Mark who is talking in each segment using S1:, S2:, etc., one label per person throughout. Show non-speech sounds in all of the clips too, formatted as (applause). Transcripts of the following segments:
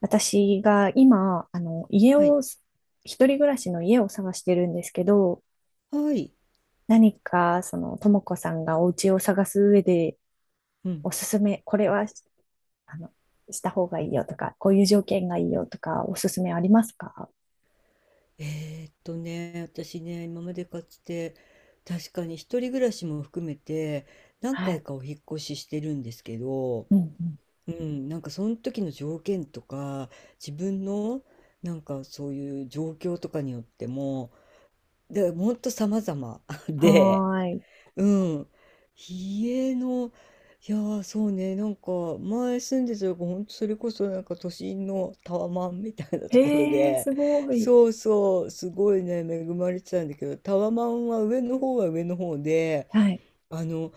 S1: 私が今、家
S2: はい。
S1: を、一人暮らしの家を探してるんですけど、
S2: はい。
S1: 何か、ともこさんがお家を探す上で、
S2: うん。
S1: おすすめ、これは、あの、した方がいいよとか、こういう条件がいいよとか、おすすめありますか？
S2: 私ね、今までかつて、確かに一人暮らしも含めて、何
S1: は
S2: 回
S1: い。
S2: かお引っ越ししてるんですけど、
S1: うんうん。
S2: うん、なんかその時の条件とか、自分の、なんかそういう状況とかによっても、で、ほんと様々 (laughs)
S1: は
S2: で、
S1: ーい。
S2: うん。家の、いやー、そうね、なんか、前住んでたとこ、ほんとそれこそなんか都心のタワマンみたいなところ
S1: へえ、
S2: で、
S1: すごい。
S2: そうそう、すごいね、恵まれてたんだけど、タワマンは上の方は上の方で、
S1: はい。
S2: あの、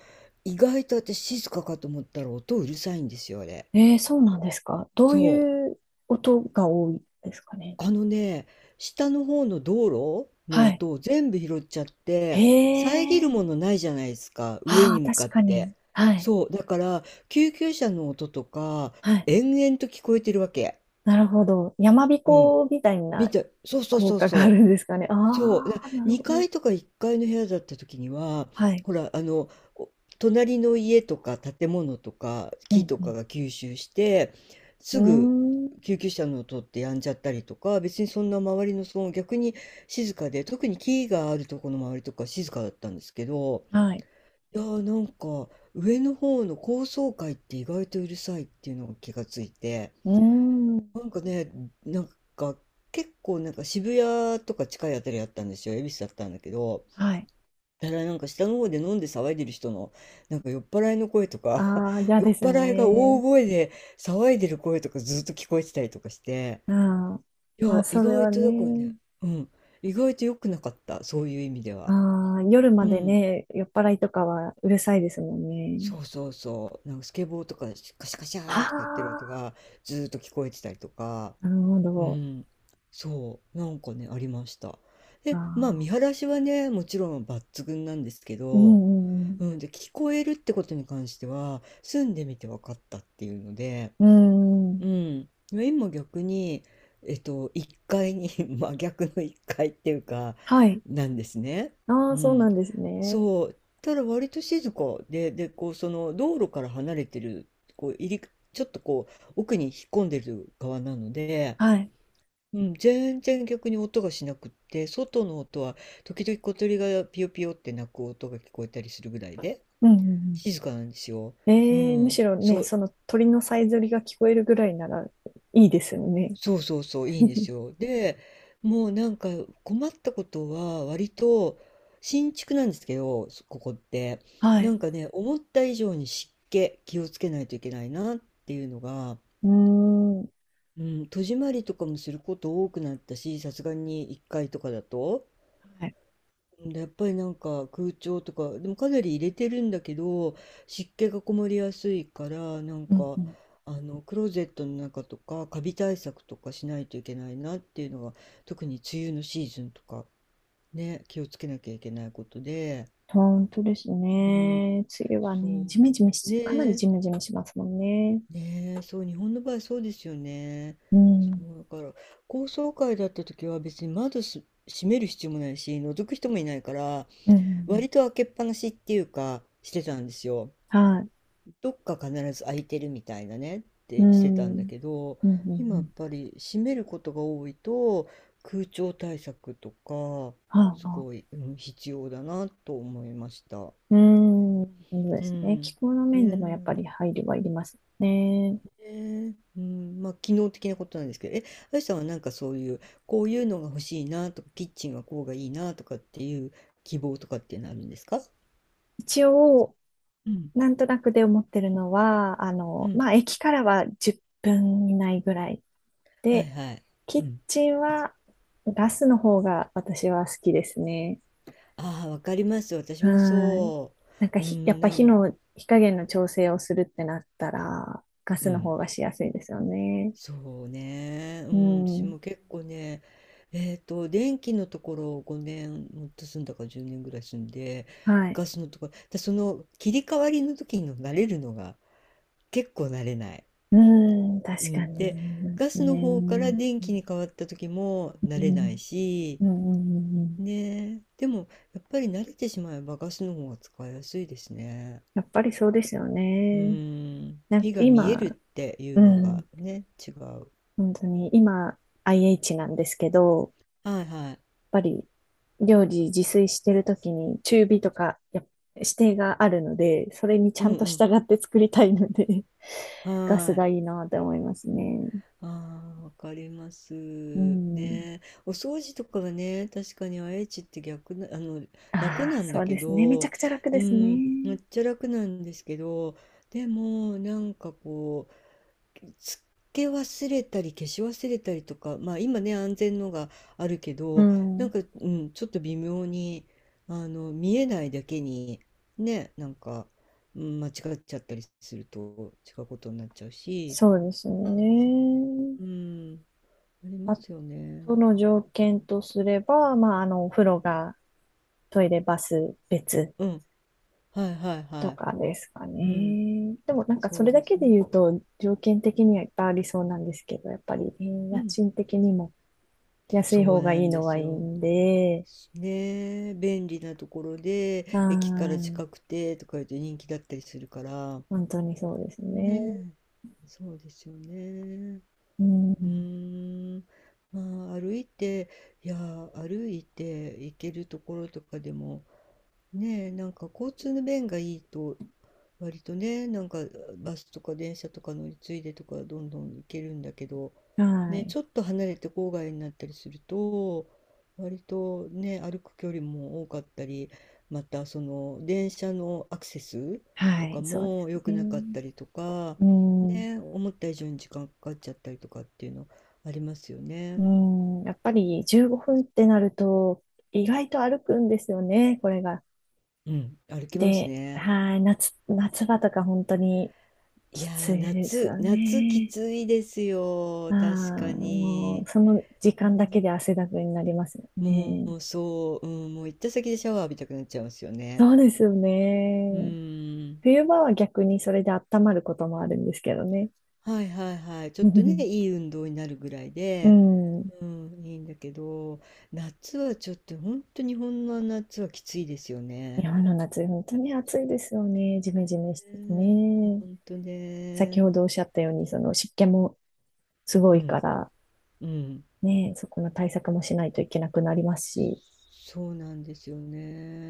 S2: 意外と私静かかと思ったら音うるさいんですよ、あれ。
S1: えー、そうなんですか。どう
S2: そう。
S1: いう音が多いですかね。
S2: あのね、下の方の道路
S1: は
S2: の
S1: い。
S2: 音を全部拾っちゃっ
S1: へ
S2: て、遮る
S1: え。
S2: ものないじゃないですか、上
S1: あ
S2: に
S1: あ、
S2: 向
S1: 確
S2: かっ
S1: かに。
S2: て。
S1: はい。
S2: そう、だから、救急車の音とか、
S1: はい。
S2: 延々と聞こえてるわけ。
S1: なるほど。山
S2: うん。
S1: 彦みたい
S2: 見
S1: な
S2: て、そうそう
S1: 効
S2: そう
S1: 果があ
S2: そ
S1: る
S2: う。
S1: んですかね。あ
S2: そう、
S1: あ、なるほ
S2: 2
S1: ど。
S2: 階とか1階の部屋だった時には、
S1: はい。
S2: ほら、お隣の家とか建物とか
S1: う
S2: 木とか
S1: ん
S2: が吸収して、
S1: う
S2: すぐ
S1: ん。うーん。
S2: 救急車の音ってやんじゃったりとか、別にそんな周りの騒音逆に静かで、特に木があるとこの周りとか静かだったんですけど、
S1: はい。
S2: いやー、なんか上の方の高層階って意外とうるさいっていうのが気がついて、
S1: うーん。
S2: なんかね、なんか結構なんか渋谷とか近いあたりだったんですよ。恵比寿だったんだけど、
S1: はい。
S2: ただなんか下の方で飲んで騒いでる人のなんか酔っ払いの声とか、
S1: ああ、
S2: (laughs)
S1: 嫌
S2: 酔っ
S1: です
S2: 払いが大
S1: ね。
S2: 声で騒いでる声とかずっと聞こえてたりとかして、
S1: うん。
S2: い
S1: まあ、
S2: や、意
S1: それ
S2: 外
S1: は
S2: とだから
S1: ね。
S2: ね、うん、意外と良くなかった、そういう意味では。
S1: ああ、夜ま
S2: う
S1: で
S2: ん。
S1: ね、酔っ払いとかはうるさいですもんね。
S2: そうそうそう。なんかスケボーとかカシャカシ
S1: は
S2: ャーとかやってる音
S1: あ、
S2: がずーっと聞こえてたりとか、
S1: なるほ
S2: う
S1: ど。
S2: ん、そう、なんかね、ありました。
S1: あ
S2: で、まあ
S1: あ、
S2: 見晴らしはね、もちろん抜群なんですけ
S1: う
S2: ど、
S1: んうん
S2: うん、で、聞こえるってことに関しては、住んでみて分かったっていうので、
S1: うん。うんうん。
S2: うん、今逆に、1階に (laughs) 真逆の一階っていうか、
S1: はい。
S2: なんですね。
S1: あ
S2: う
S1: あ、そうな
S2: ん、
S1: んですね。
S2: そう、ただ割と静かで、こう、その道路から離れてる、こう、ちょっとこう、奥に引っ込んでる側なので、
S1: はい。
S2: うん、全然逆に音がしなくって、外の音は時々小鳥がピヨピヨって鳴く音が聞こえたりするぐらいで、
S1: うんうんうん。
S2: 静かなんですよ。う
S1: ええ、む
S2: ん、
S1: しろ
S2: そ
S1: ね、
S2: う、
S1: その鳥のさえずりが聞こえるぐらいならいいですよね。
S2: そうそうそう、いいんです
S1: (laughs)
S2: よ。で、もうなんか困ったことは、割と新築なんですけど、そここって、
S1: は
S2: な
S1: い。
S2: んかね、思った以上に湿気気をつけないといけないなっていうのが、
S1: うーん。
S2: うん、戸締まりとかもすること多くなったし、さすがに1階とかだと。
S1: はい。
S2: うん、やっぱりなんか空調とか、でもかなり入れてるんだけど、湿気がこもりやすいから、なん
S1: うん
S2: か、
S1: うん。
S2: クローゼットの中とか、カビ対策とかしないといけないなっていうのが、特に梅雨のシーズンとか、ね、気をつけなきゃいけないことで、
S1: 本当です
S2: うん、
S1: ね。梅雨はね、
S2: そ
S1: ジメジメ
S2: う、
S1: し、
S2: ね
S1: かなり
S2: え、
S1: ジメジメしますもんね。
S2: ねえ、そう、日本の場合そうですよね。
S1: う
S2: そ
S1: ん。
S2: う、だから、高層階だった時は別に窓閉める必要もないし、覗く人もいないから、
S1: うんうんうん。
S2: 割と開けっぱなしっていうかしてたんですよ。
S1: はい。
S2: どっか必ず開いてるみたいなねっ
S1: う
S2: てしてた
S1: ん。
S2: ん
S1: う
S2: だ
S1: ん
S2: けど、
S1: うんう
S2: 今やっ
S1: ん。
S2: ぱり閉めることが多いと、空調対策とか
S1: はあ、
S2: す
S1: はあ。
S2: ごい、うん、必要だなと思いました。
S1: うん。そうで
S2: う
S1: すね。気
S2: ん。
S1: 候の面でもやっ
S2: ね
S1: ぱり
S2: え。
S1: 配慮はいりますね。
S2: ねえ、うん、まあ機能的なことなんですけど、あやさんはなんかそういうこういうのが欲しいなとか、キッチンはこうがいいなとかっていう希望とかっていうのあるんですか？
S1: 一応、
S2: うん。
S1: なんとなくで思ってるのは、
S2: うん。
S1: まあ、駅からは10分以内ぐらい
S2: はい
S1: で、
S2: はい。
S1: キ
S2: う
S1: ッ
S2: ん。
S1: チンはガスの方が私は好きですね。
S2: ああ、わかります。私
S1: は
S2: も
S1: い。
S2: そ
S1: なんか
S2: う。
S1: ひ、やっぱ火の、火加減の調整をするってなったら、ガ
S2: う
S1: スの
S2: ん、
S1: 方がしやすいですよね。
S2: そうね。う
S1: う
S2: ん、私
S1: ん。
S2: も結構ね、電気のところを5年、もっと住んだか10年ぐらい住んで、
S1: はい。
S2: ガスのところ、でその切り替わりの時に慣れるのが、結構慣れない。
S1: うん、
S2: う
S1: 確か
S2: ん、
S1: に。
S2: で、
S1: そうで
S2: ガ
S1: す
S2: スの
S1: ね。
S2: 方から電
S1: う
S2: 気
S1: ん。
S2: に変わった時も
S1: う
S2: 慣れない
S1: ん。
S2: し、
S1: うんうんうん。
S2: ねえ、でもやっぱり慣れてしまえばガスの方が使いやすいですね。
S1: やっぱりそうですよ
S2: う
S1: ね。
S2: ーん、
S1: なんか
S2: 火が見えるっ
S1: 今、
S2: てい
S1: う
S2: うの
S1: ん。
S2: がね、違う。
S1: 本当に今、IH なんですけど、
S2: はいはい。
S1: ぱり料理自炊してるときに中火とかやっ指定があるので、それにち
S2: う
S1: ゃ
S2: ん
S1: んと
S2: うん。
S1: 従って作りたいので、(laughs) ガス
S2: は
S1: が
S2: い。
S1: いいなって思いますね。
S2: ああ、わかります。
S1: うん。
S2: ね。お掃除とかはね、確かに愛知って逆な、楽
S1: ああ、
S2: なん
S1: そ
S2: だ
S1: う
S2: け
S1: ですね。めちゃ
S2: ど、
S1: くちゃ楽
S2: う
S1: です
S2: ん、め
S1: ね。
S2: っちゃ楽なんですけど、でも、なんかつけ忘れたり消し忘れたりとか、まあ今ね、安全のがあるけ
S1: う
S2: ど、なん
S1: ん。
S2: か、うん、ちょっと微妙に、見えないだけに、ね、なんか、うん、間違っちゃったりすると違うことになっちゃうし、
S1: そうですね。
S2: うん、ありま
S1: あ
S2: すよね。
S1: との条件とすれば、まあ、お風呂が、トイレ、バス別
S2: うん、はいはい
S1: と
S2: は
S1: かですか
S2: い。うん、
S1: ね。でもなんか
S2: そ
S1: そ
S2: う
S1: れだ
S2: です
S1: けで
S2: ね。
S1: 言うと条件的にはいっぱいありそうなんですけど、やっぱり、えー
S2: う
S1: 家
S2: ん、
S1: 賃的にも安
S2: そ
S1: い
S2: う
S1: 方が
S2: な
S1: いい
S2: んで
S1: の
S2: す
S1: はいい
S2: よ。
S1: んで、
S2: ねえ、便利なところ
S1: は
S2: で、駅から
S1: い。
S2: 近くてとか言うと人気だったりするから、
S1: 本当にそうですね。
S2: ねえ、そうですよね。
S1: う
S2: う
S1: ん。
S2: ーん、まあ、歩いて行けるところとかでも、ねえ、なんか交通の便がいいと、割とね、なんかバスとか電車とか乗り継いでとか、どんどん行けるんだけど、
S1: は
S2: ね、
S1: い。
S2: ちょっと離れて郊外になったりすると、割とね、歩く距離も多かったり、またその電車のアクセス
S1: は
S2: とか
S1: い、そうで
S2: も
S1: す
S2: 良くなかっ
S1: ね。
S2: たりとか、
S1: うん。
S2: ね、思った以上に時間かかっちゃったりとかっていうのありますよ
S1: う
S2: ね。
S1: ん。やっぱり15分ってなると意外と歩くんですよね、これが。
S2: うん、歩きます
S1: で、
S2: ね。
S1: はい。夏、夏場とか本当に
S2: い
S1: き
S2: や
S1: つ
S2: ー、
S1: いですよ
S2: 夏き
S1: ね。
S2: ついです
S1: あ
S2: よ、
S1: あ、
S2: 確か
S1: もう、
S2: に。
S1: その時
S2: う
S1: 間だけ
S2: ん、
S1: で汗だくになりますよ
S2: も
S1: ね。
S2: う、そう、うん、もう行った先でシャワー浴びたくなっちゃうんですよね。
S1: そうですよ
S2: う
S1: ね。
S2: ーん。
S1: 冬場は逆にそれで温まることもあるんですけどね。
S2: はいはいはい。
S1: (laughs)
S2: ちょっとね、
S1: う
S2: いい運動になるぐらいで、
S1: ん。
S2: うん、いいんだけど、夏はちょっとほんと、日本の夏はきついですよ
S1: 日
S2: ね。
S1: 本の夏、本当に暑いですよね。ジメジメしてて
S2: ねえ、
S1: ね。
S2: 本当
S1: 先
S2: ね。
S1: ほどおっしゃったように、その湿気もすご
S2: う
S1: いか
S2: ん、
S1: ら、
S2: うん。
S1: ね、そこの対策もしないといけなくなりますし。
S2: そうなんですよ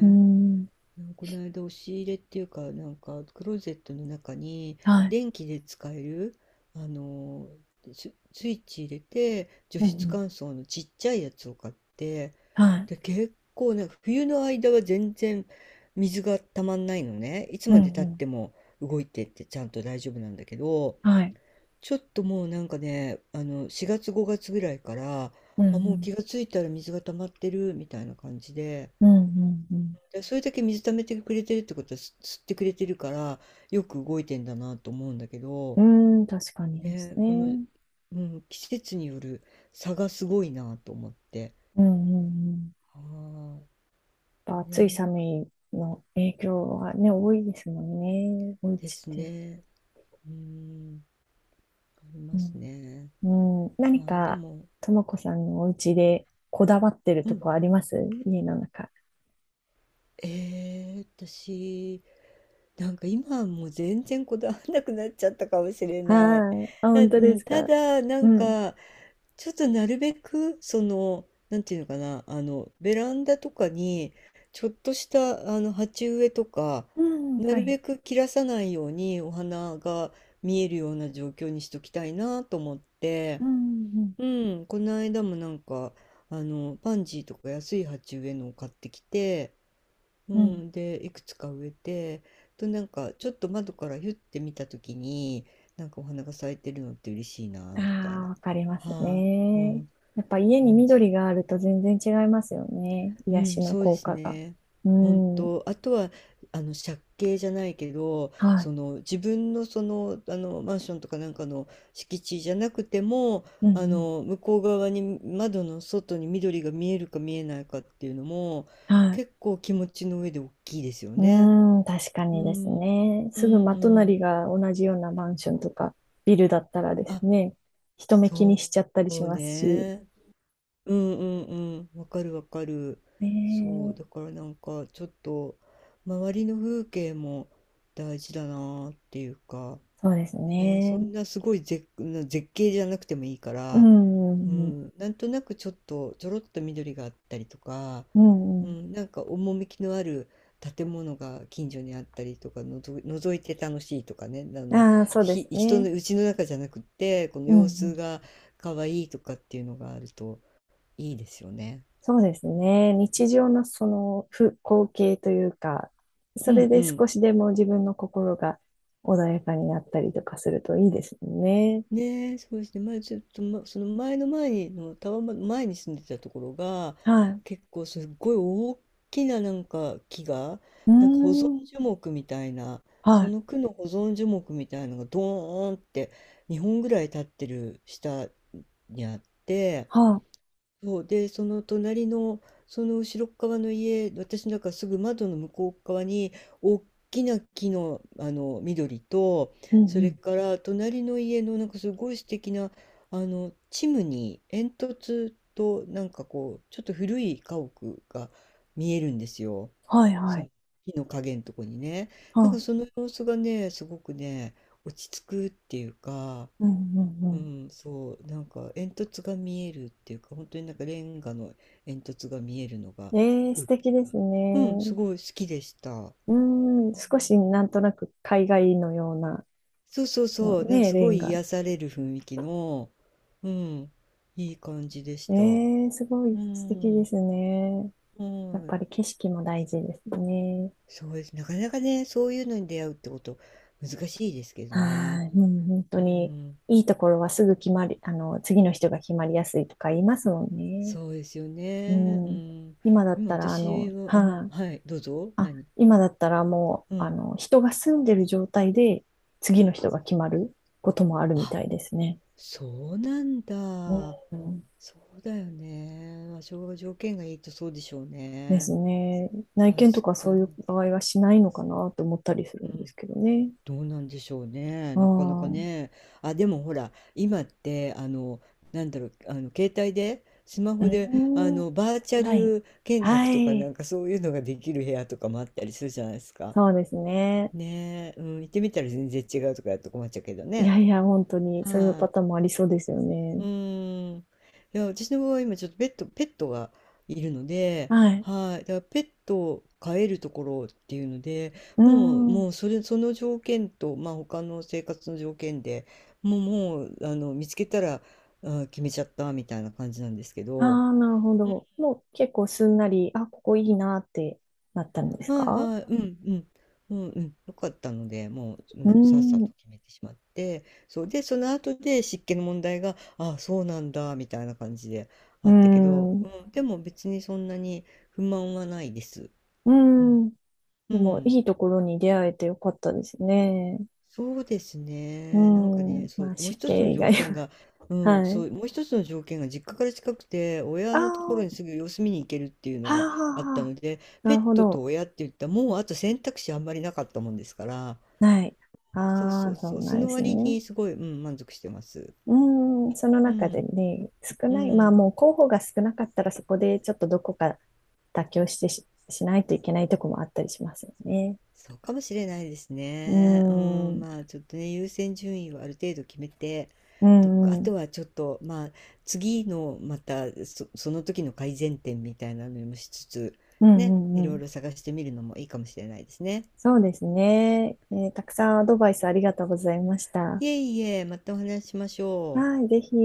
S1: うん。
S2: うん、この間押し入れっていうか、なんかクローゼットの中に、
S1: はい。
S2: 電気で使えるあのスイッチ入れて除
S1: うんう
S2: 湿
S1: ん。
S2: 乾燥のちっちゃいやつを買って、
S1: はい。
S2: で、結構なんか冬の間は全然水がたまんないのね、いつ
S1: うん
S2: までたっ
S1: うん。
S2: ても。動いてって、ちゃんと大丈夫なんだけど、
S1: はい。
S2: ちょっともうなんかね、4月5月ぐらいから、
S1: うんう
S2: あ、もう気
S1: ん。
S2: がついたら水が溜まってるみたいな感じで。
S1: うんうんうん。
S2: でそれだけ水溜めてくれてるってことは、吸ってくれてるから、よく動いてんだなと思うんだけ
S1: う
S2: ど、
S1: ーん、確かにです
S2: ね、この、
S1: ね。
S2: うん、季節による差がすごいなと思って。
S1: うんうんうん。
S2: は
S1: やっぱ
S2: あ、ね、
S1: 暑い
S2: なん
S1: 寒
S2: か
S1: いの影響はね、多いですもんね。お家
S2: で
S1: っ
S2: す
S1: て。
S2: ね。うん、あり
S1: う
S2: ますね。
S1: ん。うん、何
S2: ああ、で
S1: か、
S2: も、
S1: ともこさんのお家でこだわってる
S2: う
S1: と
S2: ん、
S1: こあります？家の中。
S2: 私、なんか今はもう全然こだわらなくなっちゃったかもしれない。
S1: はい。あ、
S2: なう
S1: 本当です
S2: た
S1: か。
S2: だ、
S1: うん。
S2: ちょっとなるべく、なんていうのかな、ベランダとかに、ちょっとした、鉢植えとか、
S1: うん、
S2: な
S1: は
S2: るべ
S1: い。
S2: く切らさないようにお花が見えるような状況にしときたいなと思って、
S1: うん、
S2: うん、この間も、パンジーとか安い鉢植えのを買ってきて、う
S1: うん、うん。
S2: ん、で、いくつか植えて、となんか、ちょっと窓からヒュッて見た時に、なんかお花が咲いてるのって嬉しいな
S1: あ
S2: みたい
S1: あ、
S2: な。
S1: わかります
S2: はい、う
S1: ね。
S2: ん。
S1: やっぱ家に
S2: 感じ。
S1: 緑があると全然違いますよね。
S2: う
S1: 癒
S2: ん、
S1: しの
S2: そうで
S1: 効
S2: す
S1: 果が。
S2: ね。
S1: う
S2: 本
S1: ん。
S2: 当。あとは、借景じゃないけど、
S1: はい。
S2: その、自分のその、あの、マンションとかなんかの敷地じゃなくても、
S1: うん、うん。
S2: 向こう側に、窓の外に緑が見えるか見えないかっていうのも、
S1: はい。
S2: 結構気持ちの上で大きいですよ
S1: う
S2: ね。
S1: ーん、確か
S2: う
S1: にです
S2: ん、
S1: ね。
S2: うん、う
S1: すぐ真
S2: ん。
S1: 隣が同じようなマンションとかビルだったらで
S2: あ、
S1: すね、人目気に
S2: そ
S1: しちゃったりし
S2: う
S1: ますし。
S2: ね。うんうんうわかるわかる。
S1: ね
S2: そう、
S1: え、
S2: だからなんかちょっと周りの風景も大事だなっていうか、
S1: そうです
S2: ね、そん
S1: ね。
S2: なすごい絶、な絶景じゃなくてもいいか
S1: う
S2: ら、
S1: ん、う
S2: う
S1: ん、うん。
S2: ん、なんとなくちょっとちょろっと緑があったりとか、
S1: うんう
S2: う
S1: ん。
S2: ん、なんか趣のある建物が近所にあったりとか覗いて楽しいとかね、
S1: ああ、そうで
S2: ひ、
S1: す
S2: 人
S1: ね。
S2: の家の中じゃなくって、この
S1: うん、う
S2: 様子
S1: ん。
S2: が可愛いとかっていうのがあると。いいですよね。
S1: そうですね。日常のそのふ光景というか、そ
S2: う
S1: れ
S2: んう
S1: で
S2: ん。
S1: 少しでも自分の心が穏やかになったりとかするといいですよね。
S2: ねえ、そうですね。前ちょっと、ま、その前の前にのタワマン前に住んでたところが、
S1: はい。
S2: 結構すっごい大きななんか木が、
S1: うー
S2: なんか保存
S1: ん、
S2: 樹木みたいな、
S1: は
S2: そ
S1: い、
S2: の区の保存樹木みたいなのがドーンって2本ぐらい立ってる下にあって、
S1: は
S2: そうでその隣のその後ろっ側の家、私なんかすぐ窓の向こう側に大きな木の、あの緑と、
S1: い。うん
S2: そ
S1: う
S2: れ
S1: ん。
S2: から隣の家のなんかすごい素敵なあのチムニー煙突と、なんかこうちょっと古い家屋が見えるんですよ、
S1: はいは
S2: その
S1: い。
S2: 木の影のとこにね。
S1: は
S2: なんか
S1: あ、
S2: その様子がねすごくね落ち着くっていうか、
S1: うんう
S2: う
S1: ん
S2: ん、そう、なんか煙突が見えるっていうか、本当になんかレンガの煙突が見えるのが、
S1: うん。えー素
S2: 風景
S1: 敵で
S2: が。
S1: す
S2: うん、
S1: ね。
S2: すごい好きでした。
S1: うーん、少しなんとなく海外のような、
S2: そうそう
S1: うん
S2: そう、なんか
S1: ね、
S2: す
S1: レ
S2: ご
S1: ン
S2: い
S1: ガ。
S2: 癒される雰囲気の、うん、いい感じでし
S1: え
S2: た。
S1: ー、すごい
S2: う
S1: 素敵で
S2: ん、
S1: すね。やっ
S2: は
S1: ぱ
S2: い。
S1: り景色も大事ですね。
S2: そうです。なかなかね、そういうのに出会うってこと、難しいですけど
S1: は
S2: ね。
S1: い、うん、本当
S2: う
S1: に、
S2: ん、
S1: いいところはすぐ決まり、次の人が決まりやすいとか言いますもんね。
S2: そうですよ
S1: う
S2: ね。う
S1: ん。
S2: ん、
S1: 今だっ
S2: 今
S1: たら、
S2: 私は、うん、
S1: はい。
S2: はい、どうぞ、
S1: あ、
S2: 何。
S1: 今だったらもう、
S2: うん。
S1: 人が住んでる状態で次の人が決まることもあるみ
S2: あ、
S1: たいですね。
S2: そうなんだ。
S1: うん。
S2: そうだよね。まあ、昭条件がいいとそうでしょう
S1: で
S2: ね。
S1: すね。内
S2: 確
S1: 見とか
S2: か
S1: そういう
S2: に。
S1: 場合はしないのかなと思ったりする
S2: う
S1: んです
S2: ん。
S1: けどね。
S2: どうなんでしょうね。
S1: う
S2: なかなか
S1: ん。うん。
S2: ね。あ、でもほら、今って、携帯で、スマホで、
S1: オン
S2: バーチャ
S1: ライン。
S2: ル見学
S1: は
S2: とかな
S1: い。
S2: んかそういうのができる部屋とかもあったりするじゃないですか。
S1: そうですね。
S2: ねえ、うん、行ってみたら全然違うとかやると困っちゃうけど
S1: い
S2: ね。
S1: やいや、本当にそういう
S2: は
S1: パターン
S2: い。
S1: もありそうですよ
S2: う
S1: ね。
S2: ーん。いや、私の場合、今ちょっとペットがいるので、
S1: はい。
S2: はい。だからペットを飼えるところっていうので、
S1: う
S2: もう、
S1: ん。
S2: もうそれ、その条件と、まあ他の生活の条件でもう、見つけたら、あ、決めちゃったみたいな感じなんですけ
S1: あ
S2: ど、
S1: あ、なるほど。もう結構すんなり、あ、ここいいなってなったんです
S2: はい
S1: か？
S2: はい、うんうん、うんうん、良かったので、もう、う
S1: う
S2: ん、さっさ
S1: ん。
S2: と決めてしまって、そうで、その後で湿気の問題が、ああ、そうなんだ、みたいな感じであ
S1: う
S2: ったけど、
S1: ん。う
S2: うん、でも別にそんなに不満はないです。うん、
S1: ん。
S2: う
S1: でも、
S2: ん、
S1: いいところに出会えてよかったですね。
S2: そうです
S1: う
S2: ね、なんかね、
S1: ん。
S2: そ
S1: ま
S2: う、
S1: あ、
S2: もう
S1: 死
S2: 一つの
S1: 刑以
S2: 条
S1: 外
S2: 件
S1: は。
S2: が、
S1: (laughs)
S2: うん、
S1: は
S2: そ
S1: い。
S2: う、もう一つの条件が実家から近くて、
S1: あ
S2: 親のと
S1: あ、
S2: ころに
S1: は
S2: すぐ様子見に行けるっていうの
S1: あ、は
S2: があっ
S1: あ、
S2: た
S1: はあ。
S2: ので、
S1: な
S2: ペ
S1: る
S2: ッ
S1: ほ
S2: トと
S1: ど。
S2: 親って言ったら、もうあと選択肢あんまりなかったもんですから、
S1: はい。
S2: そう
S1: あ
S2: そ
S1: あ、
S2: う
S1: そ
S2: そ
S1: う
S2: う。そ
S1: なんで
S2: の
S1: す
S2: 割
S1: ね。
S2: にすごい、うん、満足してます。
S1: うん。その
S2: う
S1: 中で
S2: ん、
S1: ね、少
S2: う
S1: ない。まあ、
S2: ん。
S1: もう候補が少なかったら、そこでちょっとどこか妥協してし、しないといけないとこもあったりしますよね。
S2: そうかもしれないです
S1: う
S2: ね。うん、
S1: ん。
S2: まあちょっとね、優先順位をある程度決めて、
S1: う
S2: とか、あ
S1: んうん。
S2: とはちょっと、まあ次のまたその時の改善点みたいなのもしつつ、
S1: うん
S2: ね、
S1: う
S2: い
S1: んう
S2: ろい
S1: ん。
S2: ろ探してみるのもいいかもしれないですね。
S1: そうですね。えー、たくさんアドバイスありがとうございました。
S2: いえいえ、またお話ししましょう。
S1: はい、ぜひ。